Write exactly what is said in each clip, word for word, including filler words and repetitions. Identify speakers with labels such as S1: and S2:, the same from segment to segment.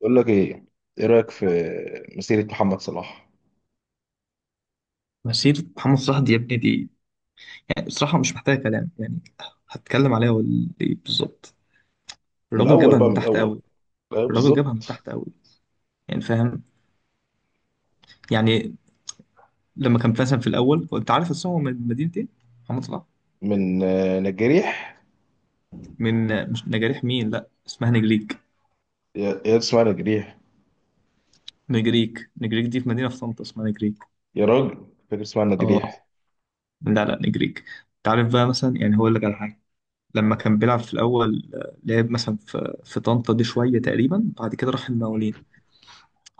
S1: بقول لك ايه، ايه رايك في مسيره محمد صلاح؟
S2: مسيرة محمد صلاح دي يا ابني دي، يعني بصراحة مش محتاجة كلام. يعني هتكلم عليها ولا إيه بالظبط؟
S1: من
S2: الراجل
S1: الاول
S2: جابها
S1: بقى،
S2: من
S1: من
S2: تحت
S1: الاول.
S2: قوي.
S1: ايوه
S2: الراجل جابها من
S1: بالظبط.
S2: تحت قوي، يعني فاهم؟ يعني لما كان مثلا في الأول، وأنت عارف أصلا هو من مدينة إيه؟ محمد صلاح،
S1: من آه، نجريح.
S2: من مش نجاريح مين، لا اسمها نجريك.
S1: يا يا اسمها نجريح.
S2: نجريك نجريك دي، في مدينة في طنطا اسمها نجريك.
S1: يا راجل، فاكر اسمها
S2: اه،
S1: نجريح.
S2: لا لا، نجريك. أنت عارف بقى مثلا، يعني هقول لك على حاجة. لما كان بيلعب في الأول، آه، لعب مثلا في في طنطا دي شوية تقريبا، بعد كده راح المقاولين،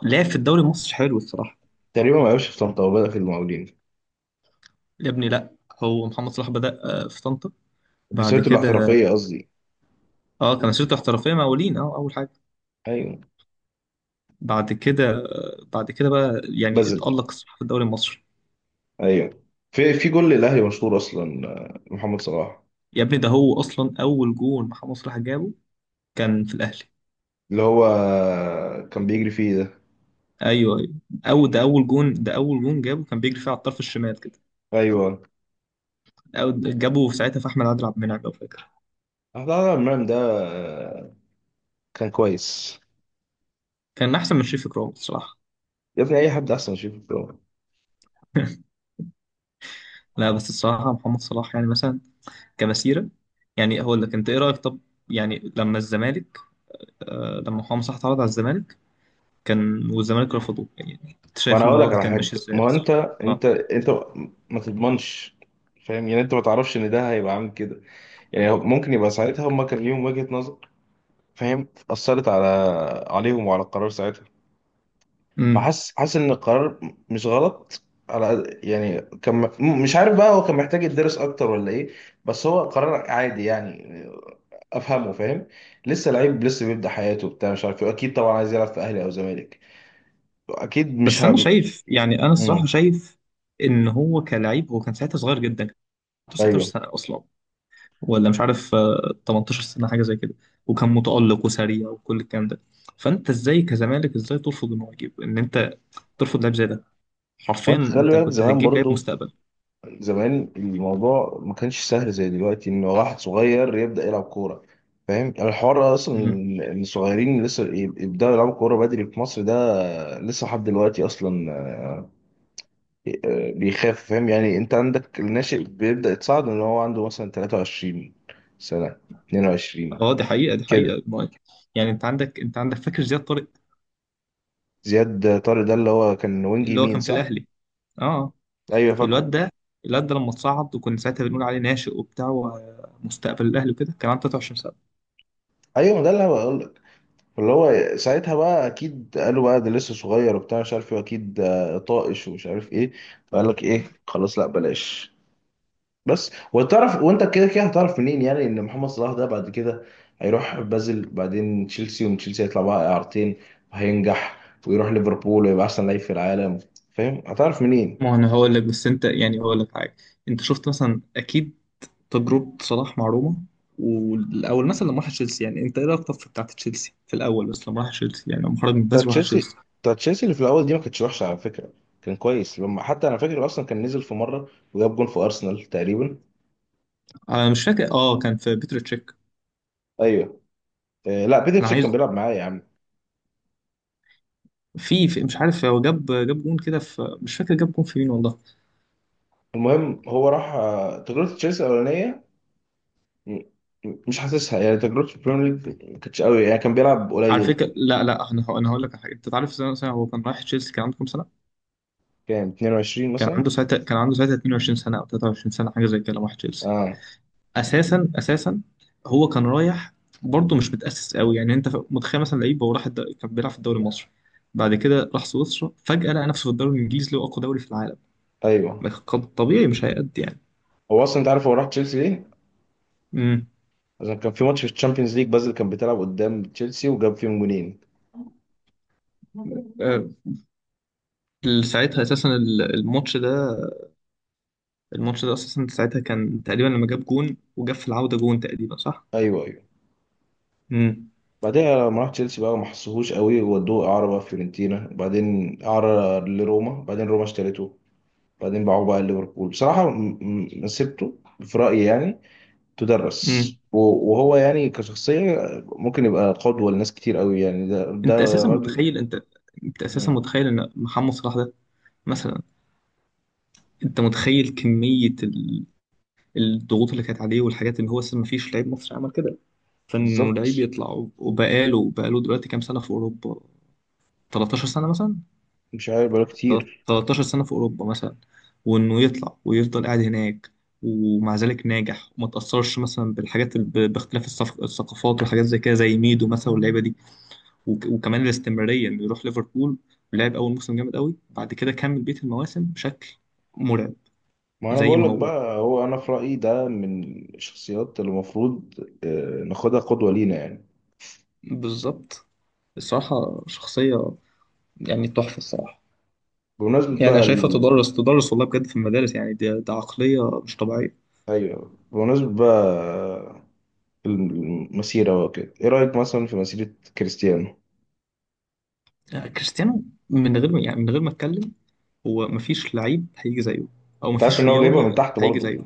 S2: لعب في الدوري المصري حلو الصراحة.
S1: تقريبا ما لعبش في طنطا وبدا في المقاولين.
S2: يا ابني لا، هو محمد صلاح بدأ، آه، في طنطا. بعد
S1: مسيرته
S2: كده،
S1: الاحترافيه قصدي.
S2: اه، كان مسيرته احترافيه مع مقاولين، اه، اول حاجه.
S1: ايوه.
S2: بعد كده، آه، بعد كده بقى، يعني
S1: بذل.
S2: اتألق صلاح في الدوري المصري.
S1: ايوه. في في جول للاهلي مشهور اصلا، آه، محمد صلاح.
S2: يا ابني ده هو اصلا اول جون محمد صلاح جابه كان في الاهلي.
S1: اللي هو آه، كان بيجري فيه ده.
S2: ايوه ايوه، او ده اول جون، ده اول جون جابه كان بيجري فيه على الطرف الشمال كده.
S1: ايوه.
S2: أو جابه في ساعتها في احمد عادل عبد المنعم لو فاكر.
S1: لا لا، المرمى ده، آه، كان كويس.
S2: كان احسن من شريف اكرام الصراحه.
S1: يا ابني، اي حد احسن يشوفه.
S2: لا بس الصراحه محمد صلاح يعني، مثلا كمسيره، يعني هقول لك، انت ايه رايك طب؟ يعني لما الزمالك، آه، لما حسام صح اتعرض على الزمالك، كان والزمالك رفضوه، يعني انت
S1: ما انا
S2: شايف
S1: هقول لك
S2: الموضوع ده
S1: على
S2: كان
S1: حاجه.
S2: ماشي ازاي
S1: ما هو
S2: اصلا؟
S1: انت
S2: اه.
S1: انت انت ما تضمنش. فاهم؟ يعني انت ما تعرفش ان ده هيبقى عامل كده. يعني هو ممكن يبقى ساعتها هم كان ليهم وجهه نظر. فاهم؟ اثرت على عليهم وعلى القرار ساعتها.
S2: امم
S1: فحس حاسس ان القرار مش غلط. على قد- يعني كان، م- مش عارف بقى، هو كان محتاج يدرس اكتر ولا ايه. بس هو قرار عادي يعني، افهمه. فاهم؟ لسه لعيب، لسه بيبدا حياته، بتاع مش عارف ايه، اكيد طبعا عايز يلعب في اهلي او زمالك. اكيد مش
S2: بس انا
S1: ه...
S2: شايف، يعني انا الصراحه
S1: مم.
S2: شايف ان هو كلاعب، هو كان ساعتها صغير جدا. كان عنده تسعتاشر
S1: ايوه.
S2: سنه اصلا، ولا مش عارف، آه، ثمانية عشر سنه حاجه زي كده. وكان متالق وسريع وكل الكلام ده. فانت ازاي كزمالك، ازاي ترفض انه يجيب، ان انت ترفض لاعب زي ده؟ حرفيا
S1: وانت خلي
S2: انت
S1: بالك
S2: كنت
S1: زمان
S2: هتجيب لاعب
S1: برضو.
S2: مستقبل.
S1: زمان الموضوع ما كانش سهل زي دلوقتي ان واحد صغير يبدأ يلعب كورة. فاهم يعني؟ الحوار اصلا
S2: امم
S1: إن الصغيرين اللي لسه يب- يبدأوا يلعبوا كورة بدري في مصر ده، لسه لحد دلوقتي اصلا، آه، بيخاف. فاهم يعني؟ انت عندك الناشئ بيبدأ يتصعد ان هو عنده مثلا 23 سنة، اتنين وعشرين،
S2: اه، دي حقيقه، دي
S1: كده.
S2: حقيقه مايك. يعني انت عندك انت عندك فاكر زياد طارق
S1: زياد طارق ده اللي هو كان وينج
S2: اللي هو
S1: يمين،
S2: كان في
S1: صح؟
S2: الاهلي؟ اه،
S1: ايوه فاكره.
S2: الواد ده، الواد ده لما اتصعد وكنا ساعتها بنقول عليه ناشئ وبتاع ومستقبل الاهلي وكده، كان عنده تلاتة وعشرين سنه.
S1: ايوه، ما ده اللي انا. اللي هو ساعتها بقى اكيد قالوا بقى ده لسه صغير وبتاع مش عارف ايه، واكيد آه، طائش ومش عارف ايه. فقال لك ايه، خلاص لا بلاش. بس وتعرف، وانت كده كده هتعرف منين يعني ان محمد صلاح ده بعد كده هيروح بازل، بعدين تشيلسي، ومن تشيلسي هيطلع بقى اعارتين، وهينجح، ويروح ليفربول، ويبقى احسن لعيب في العالم؟ فاهم هتعرف منين؟
S2: ما هو انا هقول لك، بس انت، يعني هقول لك حاجه. انت شفت مثلا اكيد تجربه صلاح مع روما، والاول مثلا لما راح تشيلسي. يعني انت ايه رايك طب في بتاعه تشيلسي في الاول، بس لما راح تشيلسي، يعني لما خرج من
S1: بتاع
S2: بازل وراح
S1: تشيلسي
S2: تشيلسي؟
S1: بتاع تشيلسي اللي في الاول دي ما كانتش وحشه على فكره. كان كويس لما، حتى انا فاكر اصلا كان نزل في مره وجاب جون في ارسنال تقريبا.
S2: انا مش فاكر، اه كان في بيتر تشيك.
S1: ايوه. آه، لا، بيتر
S2: انا
S1: تشيك كان
S2: عايز،
S1: بيلعب معايا يا عم.
S2: في, في مش عارف هو جاب جاب جون كده في، مش فاكر جاب جون في مين والله.
S1: المهم هو راح، آه، تجربة تشيلسي الأولانية، م- م- مش حاسسها. يعني تجربته في البريمير ليج ما كانتش قوي، يعني كان بيلعب
S2: على
S1: قليل.
S2: فكره، لا لا، انا هقول- انا هقول لك على حاجه. انت تعرف سنه، سنة هو كان رايح تشيلسي كان عنده كام سنه؟
S1: كام، اتنين وعشرين
S2: كان
S1: مثلا.
S2: عنده ساعتها كان عنده ساعتها اتنين وعشرين سنة أو ثلاثة وعشرون سنة حاجة زي كده، راح تشيلسي.
S1: اه.
S2: أساسا أساسا، هو كان رايح، برضه مش متأسس قوي. يعني أنت، ف- متخيل مثلا لعيب، هو راح الد... كان بيلعب في الدوري المصري، بعد كده راح سويسرا، فجأة لقى نفسه في الدوري الإنجليزي اللي هو أقوى دوري في العالم.
S1: ايوه.
S2: قد- طبيعي مش هيأدي يعني.
S1: هو اصلا، انت عارف هو راح تشيلسي ليه؟
S2: امم
S1: عشان كان في ماتش في الشامبيونز ليج، بازل كان بتلعب قدام تشيلسي وجاب فيهم جونين.
S2: آه، ساعتها أساسا ال- الماتش ده، الماتش ده أساسا ساعتها كان تقريبا لما جاب جون وجاب في العودة جون تقريبا، صح؟
S1: ايوه ايوه.
S2: امم
S1: بعدها لما راح تشيلسي بقى ما حسوهوش قوي، وودوه اعاره بقى فيورنتينا، بعدين اعاره لروما، بعدين روما اشترته، بعدين باعوه بقى ليفربول. بصراحة م- م- مسيرته في رأيي يعني تدرس.
S2: امم
S1: و- وهو يعني كشخصية ممكن يبقى قدوة لناس كتير قوي يعني، ده ده
S2: أنت أساسا
S1: راجل.
S2: متخيل، أنت أنت أساسا
S1: مم.
S2: متخيل إن محمد صلاح ده، مثلا انت متخيل كمية ال- الضغوط اللي كانت عليه، والحاجات اللي هو اصلا مفيش لعيب مصري عمل كده، فانه لعيب
S1: بالظبط.
S2: يطلع. وبقاله بقاله دلوقتي كام سنة في اوروبا؟ تلتاشر سنة مثلا،
S1: مش عارف، بقاله
S2: تلت-
S1: كتير.
S2: تلتاشر سنة في اوروبا مثلا. وانه يطلع ويفضل قاعد هناك ومع ذلك ناجح، وما تأثرش مثلا بالحاجات، ال- ب- باختلاف الصف- الثقافات وحاجات زي كده، زي ميدو مثلا واللعيبة دي. وك- وكمان الاستمرارية، انه يروح ليفربول، لعب اول موسم جامد قوي، بعد كده كمل بقية المواسم بشكل مرعب.
S1: ما انا
S2: زي
S1: بقول
S2: ما
S1: لك
S2: هو،
S1: بقى، هو انا في رأيي ده من الشخصيات اللي المفروض آه، ناخدها قدوة لينا يعني.
S2: بالظبط. الصراحة شخصية يعني تحفة الصراحة.
S1: بمناسبة
S2: يعني أنا
S1: بقى
S2: شايفها
S1: ال...
S2: تدرس، تدرس والله بجد في المدارس. يعني ده, ده عقلية مش طبيعية.
S1: ايوه، بمناسبة بقى المسيرة وكده، ايه رأيك مثلا في مسيرة كريستيانو؟
S2: يعني كريستيانو، من غير ما، يعني من غير ما أتكلم هو مفيش لعيب هيجي زيه، أو
S1: انت عارف ان
S2: مفيش
S1: هو جايبها من
S2: رياضي
S1: تحت
S2: هيجي
S1: برضه؟
S2: زيه.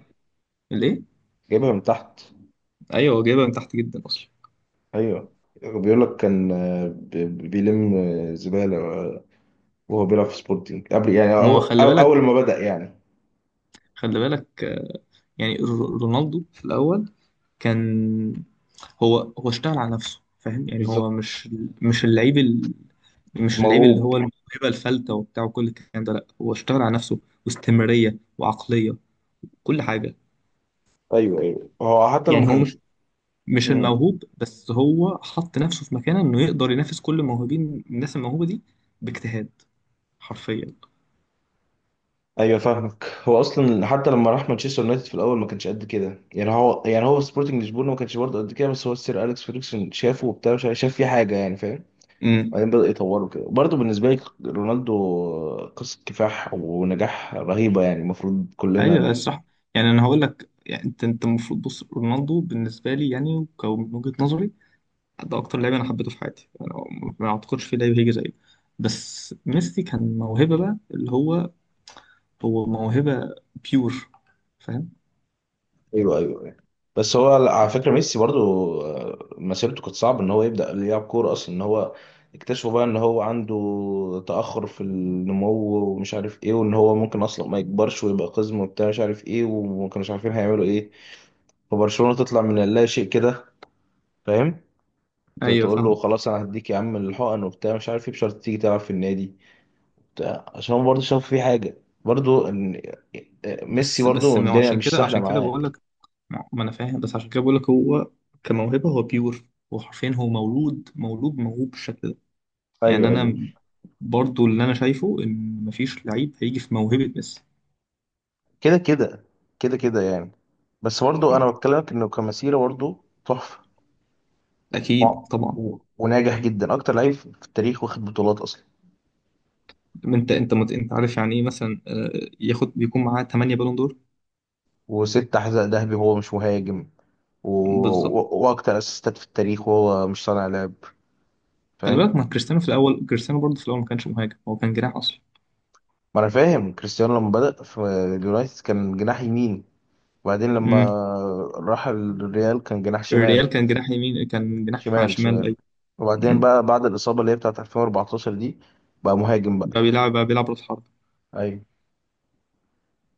S2: ليه؟
S1: جايبها من تحت.
S2: أيوه هو جايبها من تحت جدا أصلا.
S1: ايوه. بيقول لك كان آه، ب- بيلم آه، زبالة، آه، وهو بيلعب في سبورتنج قبل، يعني
S2: ما هو
S1: أول,
S2: خلي بالك،
S1: أول ما بدأ يعني.
S2: خلي بالك آه، يعني، ر- رونالدو في الأول كان، هو هو اشتغل على نفسه. فاهم يعني، هو
S1: بالظبط.
S2: مش، مش اللعيب مش اللعيب اللي
S1: موهوب.
S2: هو الموهبة الفلتة وبتاع وكل الكلام ده. لا، هو اشتغل على نفسه، واستمرارية وعقلية، كل حاجة.
S1: أيوه أيوه. هو حتى لما
S2: يعني هو
S1: كان.
S2: مش، مش
S1: مم.
S2: الموهوب بس، هو حط نفسه في مكانه انه يقدر ينافس كل الموهوبين، الناس الموهوبة دي، باجتهاد حرفيا.
S1: أيوه فاهمك. هو أصلا حتى لما راح مانشستر يونايتد في الأول ما كانش قد كده يعني، هو يعني هو في سبورتنج لشبونة ما كانش برضه قد كده، بس هو السير أليكس فيرجسون شافه وبتاع مش عارف، شاف فيه حاجة يعني. فاهم؟
S2: امم
S1: بعدين بدأ يطوره كده. برضه بالنسبة لي رونالدو قصة كفاح ونجاح رهيبة، يعني المفروض كلنا.
S2: ايوه الصح. يعني انا هقول لك، يعني انت انت المفروض، بص رونالدو بالنسبة لي يعني، ومن وجهة نظري، ده اكتر لعيب انا حبيته في حياتي انا. ما اعتقدش في لعيب هيجي زيه. بس ميسي كان موهبة بقى، اللي هو، هو موهبة بيور، فاهم؟
S1: ايوه ايوه، أيوة. بس هو على فكره ميسي برضو، آه، مسيرته كانت صعبه ان هو يبدا يلعب كوره اصلا، ان هو اكتشفوا بقى ان هو عنده تاخر في النمو ومش عارف ايه، وان هو ممكن اصلا ما يكبرش ويبقى قزم وبتاع مش عارف ايه، وما كانوش عارفين هيعملوا ايه. فبرشلونه تطلع من اللا شيء كده. فاهم؟ ت-
S2: ايوه
S1: تقول له
S2: فاهم.
S1: خلاص، انا هديك يا عم الحقن وبتاع مش عارف ايه، بشرط تيجي تلعب في النادي بتاع، عشان هو برضه شاف فيه حاجه. برضه ان آه، ميسي
S2: بس بس
S1: برضه
S2: ما هو
S1: الدنيا
S2: عشان
S1: مش
S2: كده،
S1: سهله
S2: عشان كده
S1: معاه.
S2: بقول لك، ما ما انا فاهم، بس عشان كده بقول لك هو كموهبة هو بيور. هو حرفيا هو مولود، مولود موهوب بالشكل ده. يعني
S1: ايوه ايوه.
S2: انا برضو اللي انا شايفه ان مفيش لعيب هيجي في موهبة ميسي.
S1: كده كده، كده كده يعني. بس برضه
S2: مم.
S1: انا بتكلمك انه كمسيره برضه تحفه. و-
S2: اكيد طبعا.
S1: و- وناجح جدا، اكتر لعيب في التاريخ، واخد بطولات اصلا.
S2: انت انت مت... انت عارف يعني ايه مثلا؟ آه، ياخد بيكون معاه ثمانية بالون دور.
S1: وست حذاء ذهبي وهو مش مهاجم. و...
S2: بالظبط.
S1: و... واكتر اسيستات في التاريخ وهو مش صانع لعب.
S2: خلي
S1: فاهم؟
S2: بالك، ما كريستيانو في الاول، كريستيانو برضه في الاول ما كانش مهاجم، هو كان جناح اصلا.
S1: ما انا فاهم. كريستيانو لما بدأ في اليونايتد كان جناح يمين، وبعدين لما راح الريال كان جناح شمال.
S2: الريال كان جناح يمين، كان جناح
S1: شمال
S2: شمال،
S1: شمال.
S2: اي.
S1: وبعدين
S2: مم.
S1: بقى بعد الإصابة اللي هي بتاعت ألفين وأربعة عشر دي بقى مهاجم بقى.
S2: بقى بيلعب، بقى بيلعب راس حرب.
S1: ايوه.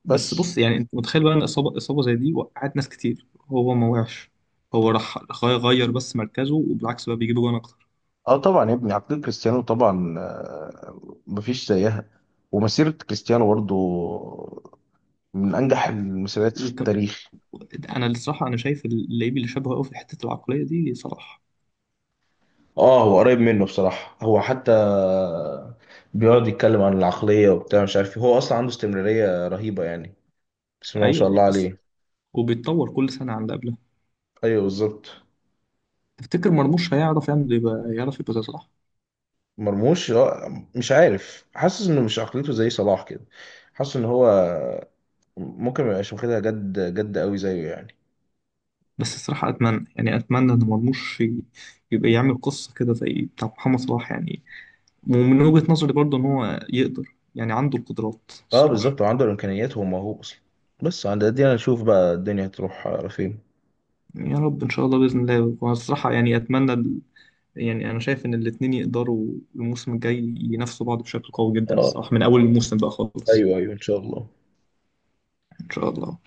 S2: بس
S1: بس
S2: بص يعني، انت متخيل بقى ان اصابه، اصابه زي دي وقعت ناس كتير، هو ما وقعش، هو راح غير غير بس مركزه، وبالعكس بقى بيجيب جوان اكتر.
S1: اه، طبعا يا ابني، عقلية كريستيانو طبعا، آه، مفيش زيها. ومسيرة كريستيانو برضو من أنجح المسيرات في
S2: وك...
S1: التاريخ.
S2: انا الصراحه، انا شايف اللعيب اللي شبهه قوي في حته العقليه دي صلاح.
S1: اه، هو قريب منه بصراحة. هو حتى بيقعد يتكلم عن العقلية وبتاع مش عارف إيه. هو اصلا عنده استمرارية رهيبة يعني، بسم الله ما شاء
S2: ايوه
S1: الله
S2: بس،
S1: عليه.
S2: وبيتطور كل سنه عن اللي قبلها.
S1: ايوه بالظبط.
S2: تفتكر مرموش هيعرف يعمل، يبقى يعرف يبقى زي صلاح؟
S1: مرموش، آه، مش عارف، حاسس انه مش عقليته زي صلاح كده. حاسس ان هو ممكن ما يبقاش واخدها جد جد قوي زيه يعني.
S2: بس الصراحه اتمنى، يعني اتمنى ان مرموش، ي- يبقى يعمل قصه كده زي بتاع محمد صلاح يعني. ومن وجهة نظري برضه إن هو يقدر، يعني عنده القدرات
S1: اه
S2: الصراحة.
S1: بالظبط، وعنده الامكانيات وهو موهوب اصلا. بس عند دي انا اشوف بقى الدنيا هتروح على فين.
S2: يا رب إن شاء الله بإذن الله. وأنا الصراحة يعني أتمنى ال- يعني أنا شايف إن الاتنين يقدروا الموسم الجاي ينافسوا بعض بشكل قوي جدا
S1: اه،
S2: الصراحة، من أول الموسم بقى خالص.
S1: ايوه ايوه، ان شاء الله.
S2: إن شاء الله.